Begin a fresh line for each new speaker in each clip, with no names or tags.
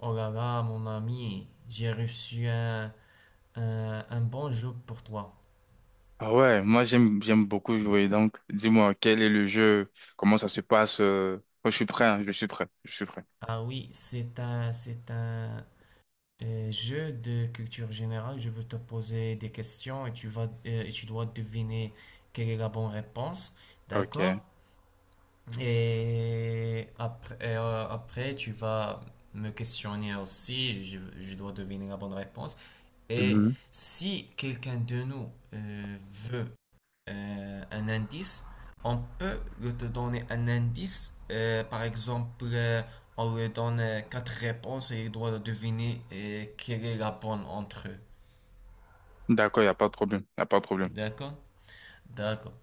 Oh là là, mon ami, j'ai reçu un bon jeu pour toi.
Ah ouais, moi j'aime beaucoup jouer. Donc, dis-moi, quel est le jeu? Comment ça se passe? Moi, je suis prêt, hein, je suis prêt, je suis prêt.
Ah oui, c'est un jeu de culture générale. Je veux te poser des questions et tu dois deviner quelle est la bonne réponse.
Ok.
D'accord? Et après, après, tu vas me questionner aussi. Je dois deviner la bonne réponse. Et
Mhm.
si quelqu'un de nous veut un indice, on peut lui te donner un indice. Par exemple, on lui donne quatre réponses et il doit deviner quelle est la bonne entre eux.
D'accord, il n'y a pas de problème. Il a pas de problème.
D'accord? D'accord.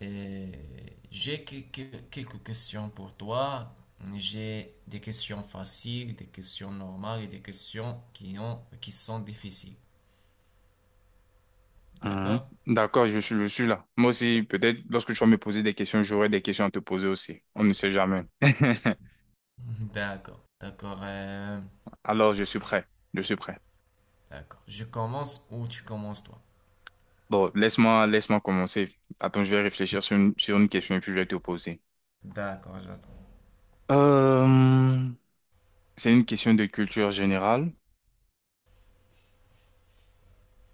Et j'ai quelques questions pour toi. J'ai des questions faciles, des questions normales et des questions qui sont difficiles.
Mhm.
D'accord?
D'accord, je suis là. Moi aussi, peut-être lorsque tu vas me poser des questions, j'aurai des questions à te poser aussi. On ne sait jamais.
D'accord. D'accord. euh,
Alors, je suis prêt. Je suis prêt.
d'accord. Je commence ou tu commences toi?
Bon, laisse-moi commencer. Attends, je vais réfléchir sur une question et puis je vais te poser.
D'accord, j'attends.
Euh, c'est une question de culture générale.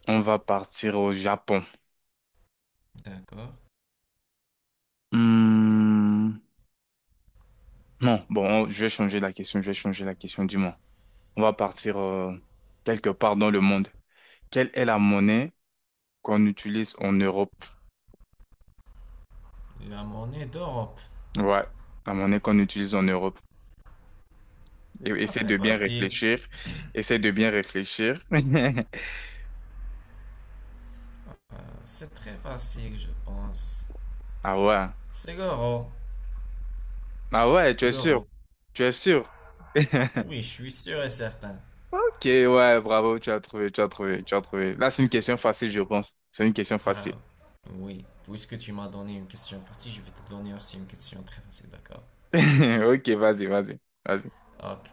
On va partir au Japon.
D'accord.
Hmm, non, bon, oh, je vais changer la question, je vais changer la question, dis-moi. On va partir quelque part dans le monde. Quelle est la monnaie qu'on utilise en Europe?
La monnaie d'Europe.
Ouais, la monnaie qu'on utilise en Europe. Et,
Ah,
essaie
c'est
de bien
facile.
réfléchir. Essaie de bien réfléchir.
Ah, c'est très facile, je pense.
Ah ouais.
C'est l'euro.
Ah ouais, tu es sûr?
L'euro.
Tu es sûr?
Oui, je suis sûr et certain.
Ok, ouais, bravo, tu as trouvé, tu as trouvé, tu as trouvé. Là, c'est une question facile, je pense. C'est une question
Ah,
facile.
oui. Puisque tu m'as donné une question facile, je vais te donner aussi une question très facile, d'accord?
Ok, vas-y, vas-y, vas-y.
Ok.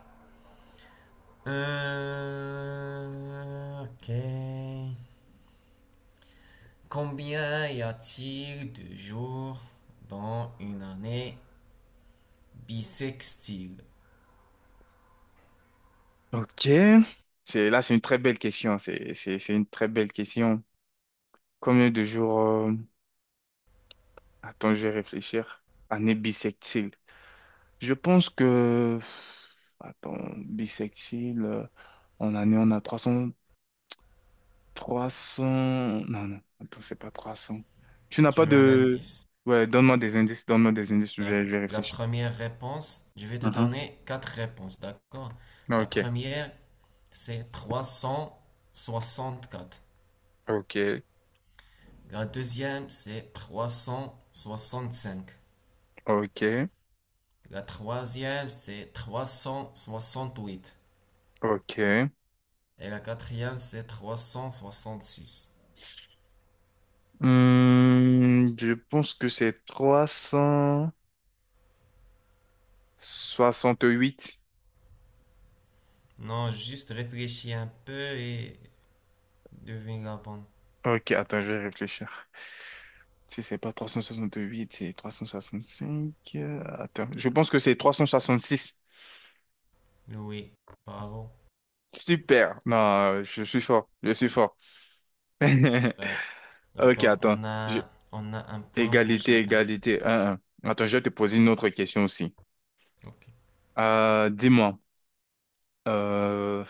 Ok. Combien y a-t-il de jours dans une année bisextile?
Ok, c'est là, c'est une très belle question, c'est une très belle question. Combien de jours attends, je vais réfléchir. Année bissextile. Je pense que, attends, bissextile, en année on a trois cents... trois 300. Non, non, attends, c'est pas 300. Tu n'as
Tu
pas
veux un
de
indice?
Ouais, donne-moi des indices,
D'accord.
je vais
La
réfléchir.
première réponse, je vais te
Mhm.
donner quatre réponses, d'accord? La
Ok.
première, c'est 364.
Ok.
La deuxième, c'est 365.
Ok.
La troisième, c'est 368.
Ok.
Et la quatrième, c'est 366.
Je pense que c'est 300 68.
Non, juste réfléchis un peu et devine la bonne.
Ok, attends, je vais réfléchir. Si c'est pas 368, c'est 365. Attends, je pense que c'est 366.
Oui, bravo.
Super. Non, je suis fort. Je suis fort. Ok,
D'accord.
attends.
on
Je-
a, on a un point pour
Égalité,
chacun.
égalité. Un, un. Attends, je vais te poser une autre question aussi.
Ok.
Dis-moi, euh,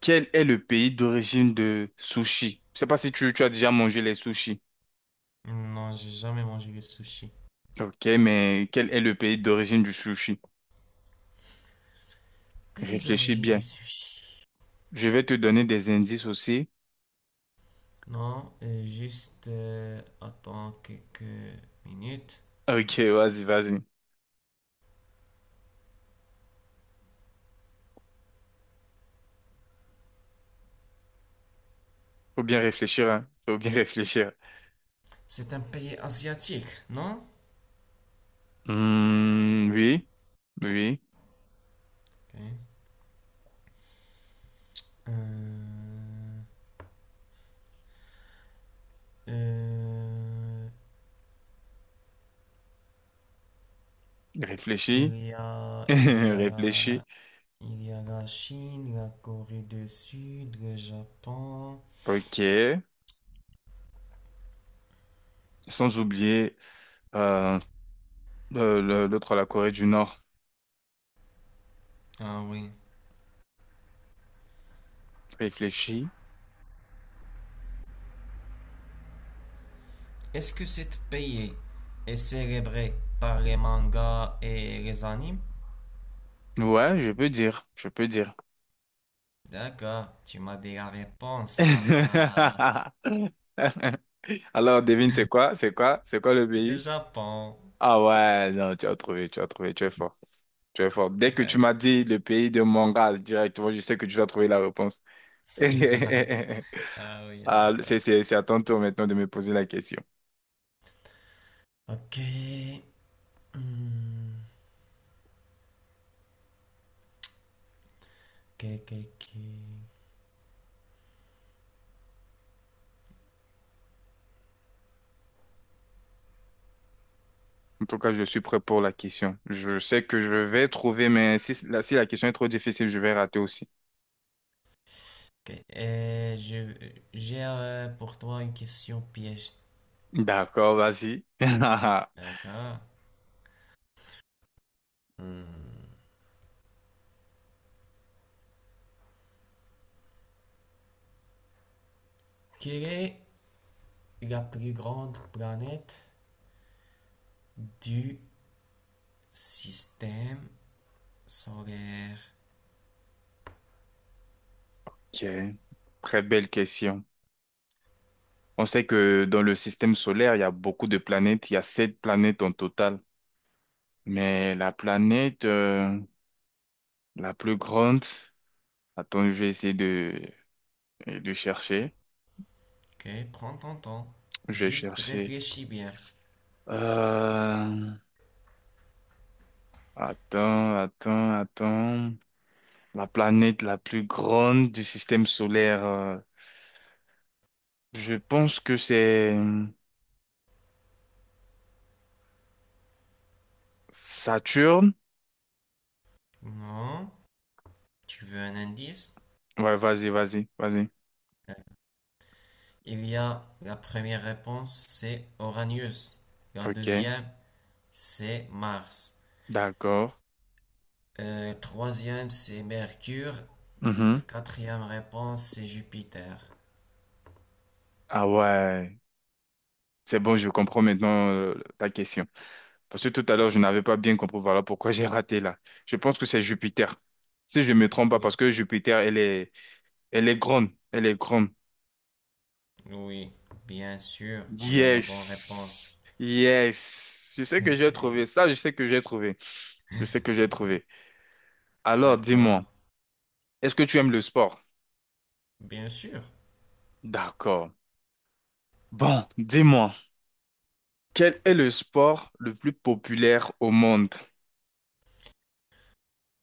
quel est le pays d'origine de sushi? Je sais pas si tu as déjà mangé les sushis.
Non, j'ai jamais mangé de sushi.
Ok, mais quel est le pays d'origine du sushi?
Pays
Réfléchis
d'origine
bien.
du sushi.
Je vais te donner des indices aussi.
Non, juste attends quelques minutes.
Ok, vas-y, vas-y. Faut bien réfléchir, hein. Faut bien réfléchir.
C'est un pays asiatique, non?
Hmm, oui, oui.
Ok. Euh, euh,
Réfléchis.
il y a, il y a
Réfléchis.
la, il y a la Chine, la Corée du Sud, le Japon.
Ok. Sans oublier euh, l'autre, la Corée du Nord.
Ah oui.
Réfléchis.
Est-ce que cet pays est célébré par les mangas et les animes?
Ouais, je peux dire. Je peux dire.
D'accord, tu m'as dit la réponse. Haha.
Alors, devine, c'est quoi? C'est quoi? C'est quoi le
Le
pays?
Japon.
Ah ouais, non, tu as trouvé, tu as trouvé, tu es fort. Tu es fort. Dès que tu
D'ac-
m'as dit le pays de manga, directement, je sais que tu vas trouver la réponse.
Ah oui,
Ah, c'est,
d'accord.
c'est, c'est à ton tour maintenant de me poser la question.
Ok. Hmm. Ok.
En tout cas, je suis prêt pour la question. Je sais que je vais trouver, mais si la question est trop difficile, je vais rater aussi.
Ok. J'ai pour toi une question piège.
D'accord, vas-y.
D'accord. Hmm. Quelle est la plus grande planète du système solaire?
Ok. Très belle question. On sait que dans le système solaire, il y a beaucoup de planètes. Il y a sept planètes en total. Mais la planète la plus grande, attends, je vais essayer de chercher.
Ok, prends ton temps.
Je vais
Juste
chercher.
réfléchis bien.
Euh, Attends, attends, attends. La planète la plus grande du système solaire. Je pense que c'est Saturne.
Non. Tu veux un indice?
Ouais, vas-y, vas-y, vas-y.
Euh, Il y a la première réponse, c'est Uranus. La
Ok,
deuxième, c'est Mars.
d'accord.
Troisième, c'est Mercure. La
Mhm.
quatrième réponse, c'est Jupiter.
Ah ouais. C'est bon, je comprends maintenant ta question. Parce que tout à l'heure, je n'avais pas bien compris. Voilà pourquoi j'ai raté là. Je pense que c'est Jupiter. Si je me trompe pas,
Oui.
parce que Jupiter, elle est grande, elle est grande.
Oui, bien sûr, tu as la bonne réponse.
Yes, yes. Je sais que j'ai trouvé ça, je sais que j'ai trouvé. Je sais que j'ai
D'ac-
trouvé. Alors, dis-moi,
D'accord,
est-ce que tu aimes le sport?
bien sûr.
D'accord. Bon, dis-moi, quel est le sport le plus populaire au monde?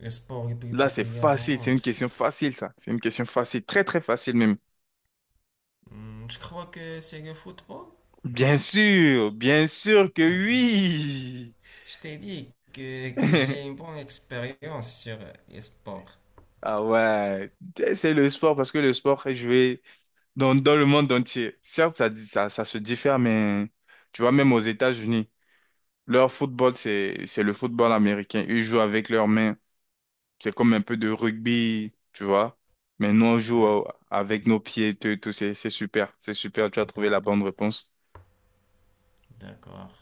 Le sport le plus
Là, c'est
populaire au
facile, c'est une
monde.
question facile, ça. C'est une question facile, très, très facile même.
Hmm, je crois que c'est le football.
Bien sûr que
Ah,
oui.
je t'ai dit que j'ai une bonne expérience sur les sports.
Ah ouais, c'est le sport parce que le sport est joué dans le monde entier. Certes, ça, ça se diffère, mais tu vois, même aux États-Unis, leur football, c'est le football américain. Ils jouent avec leurs mains. C'est comme un peu de rugby, tu vois. Mais nous, on joue
D'ac-
avec nos pieds, tout, tout. C'est super. C'est super. Tu as trouvé la
D'accord,
bonne réponse.
d'accord.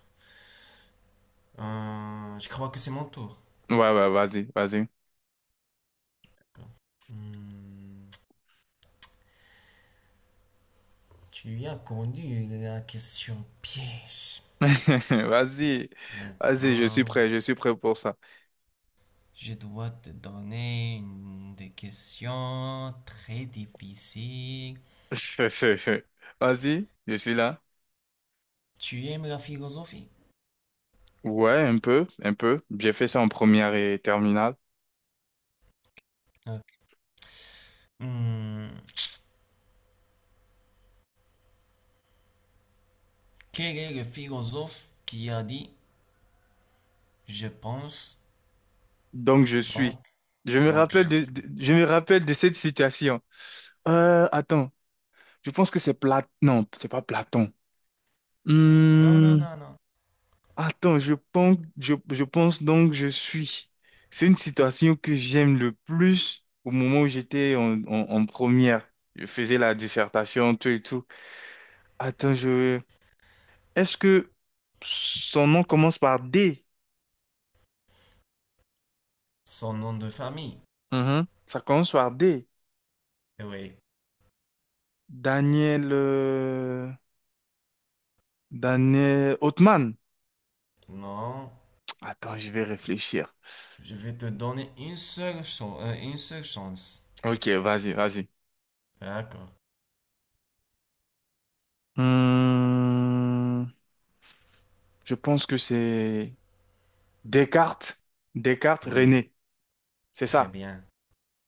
Je crois que c'est mon tour.
Ouais, ouais, vas-y, vas-y.
D'accord. Hmm, tu as connu la question piège.
Vas-y, vas-y,
Maintenant,
je suis prêt pour ça.
je dois te donner une- des questions très difficiles.
Vas-y, je suis là.
Tu aimes la philosophie?
Ouais, un peu, un peu. J'ai fait ça en première et terminale.
Ok. Hmm, quel est le philosophe qui a dit je pense,
Donc je suis.
donc,
Je me
donc
rappelle
je suis?
de- je me rappelle de cette citation. Attends, je pense que c'est Platon. Non, c'est pas Platon.
Non, non,
Hmm,
non, non.
attends, je pense donc je suis. C'est une citation que j'aime le plus au moment où j'étais en première. Je faisais la dissertation, tout et tout. Attends, est-ce que son nom commence par D?
Son nom de famille.
Mhm. Ça commence par D.
Eh oui.
Daniel... euh, Daniel Othman.
Non.
Attends, je vais réfléchir.
Je vais te donner une seule chance. Une seule chance.
Ok, vas-y, vas-y.
D'accord.
Hmm, je pense que c'est Descartes, Descartes,
Oui.
René. C'est
Très
ça.
bien.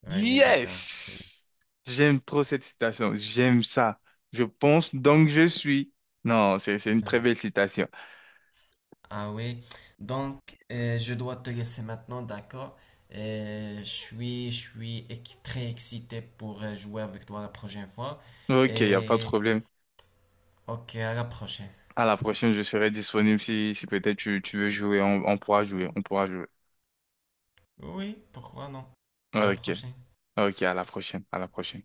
René Descartes. Oui.
Yes! J'aime trop cette citation. J'aime ça. Je pense donc je suis. Non, c'est une très belle citation.
Ah oui. Donc, je dois te laisser maintenant, d'accord? Je suis ex- très excité pour jouer avec toi la prochaine fois.
Ok, il n'y a pas de
Et
problème.
ok, à la prochaine.
À la prochaine, je serai disponible si peut-être tu veux jouer. On pourra jouer. On pourra jouer.
Oui, pourquoi non? À la
Ok.
prochaine.
Ok, à la prochaine. À la prochaine.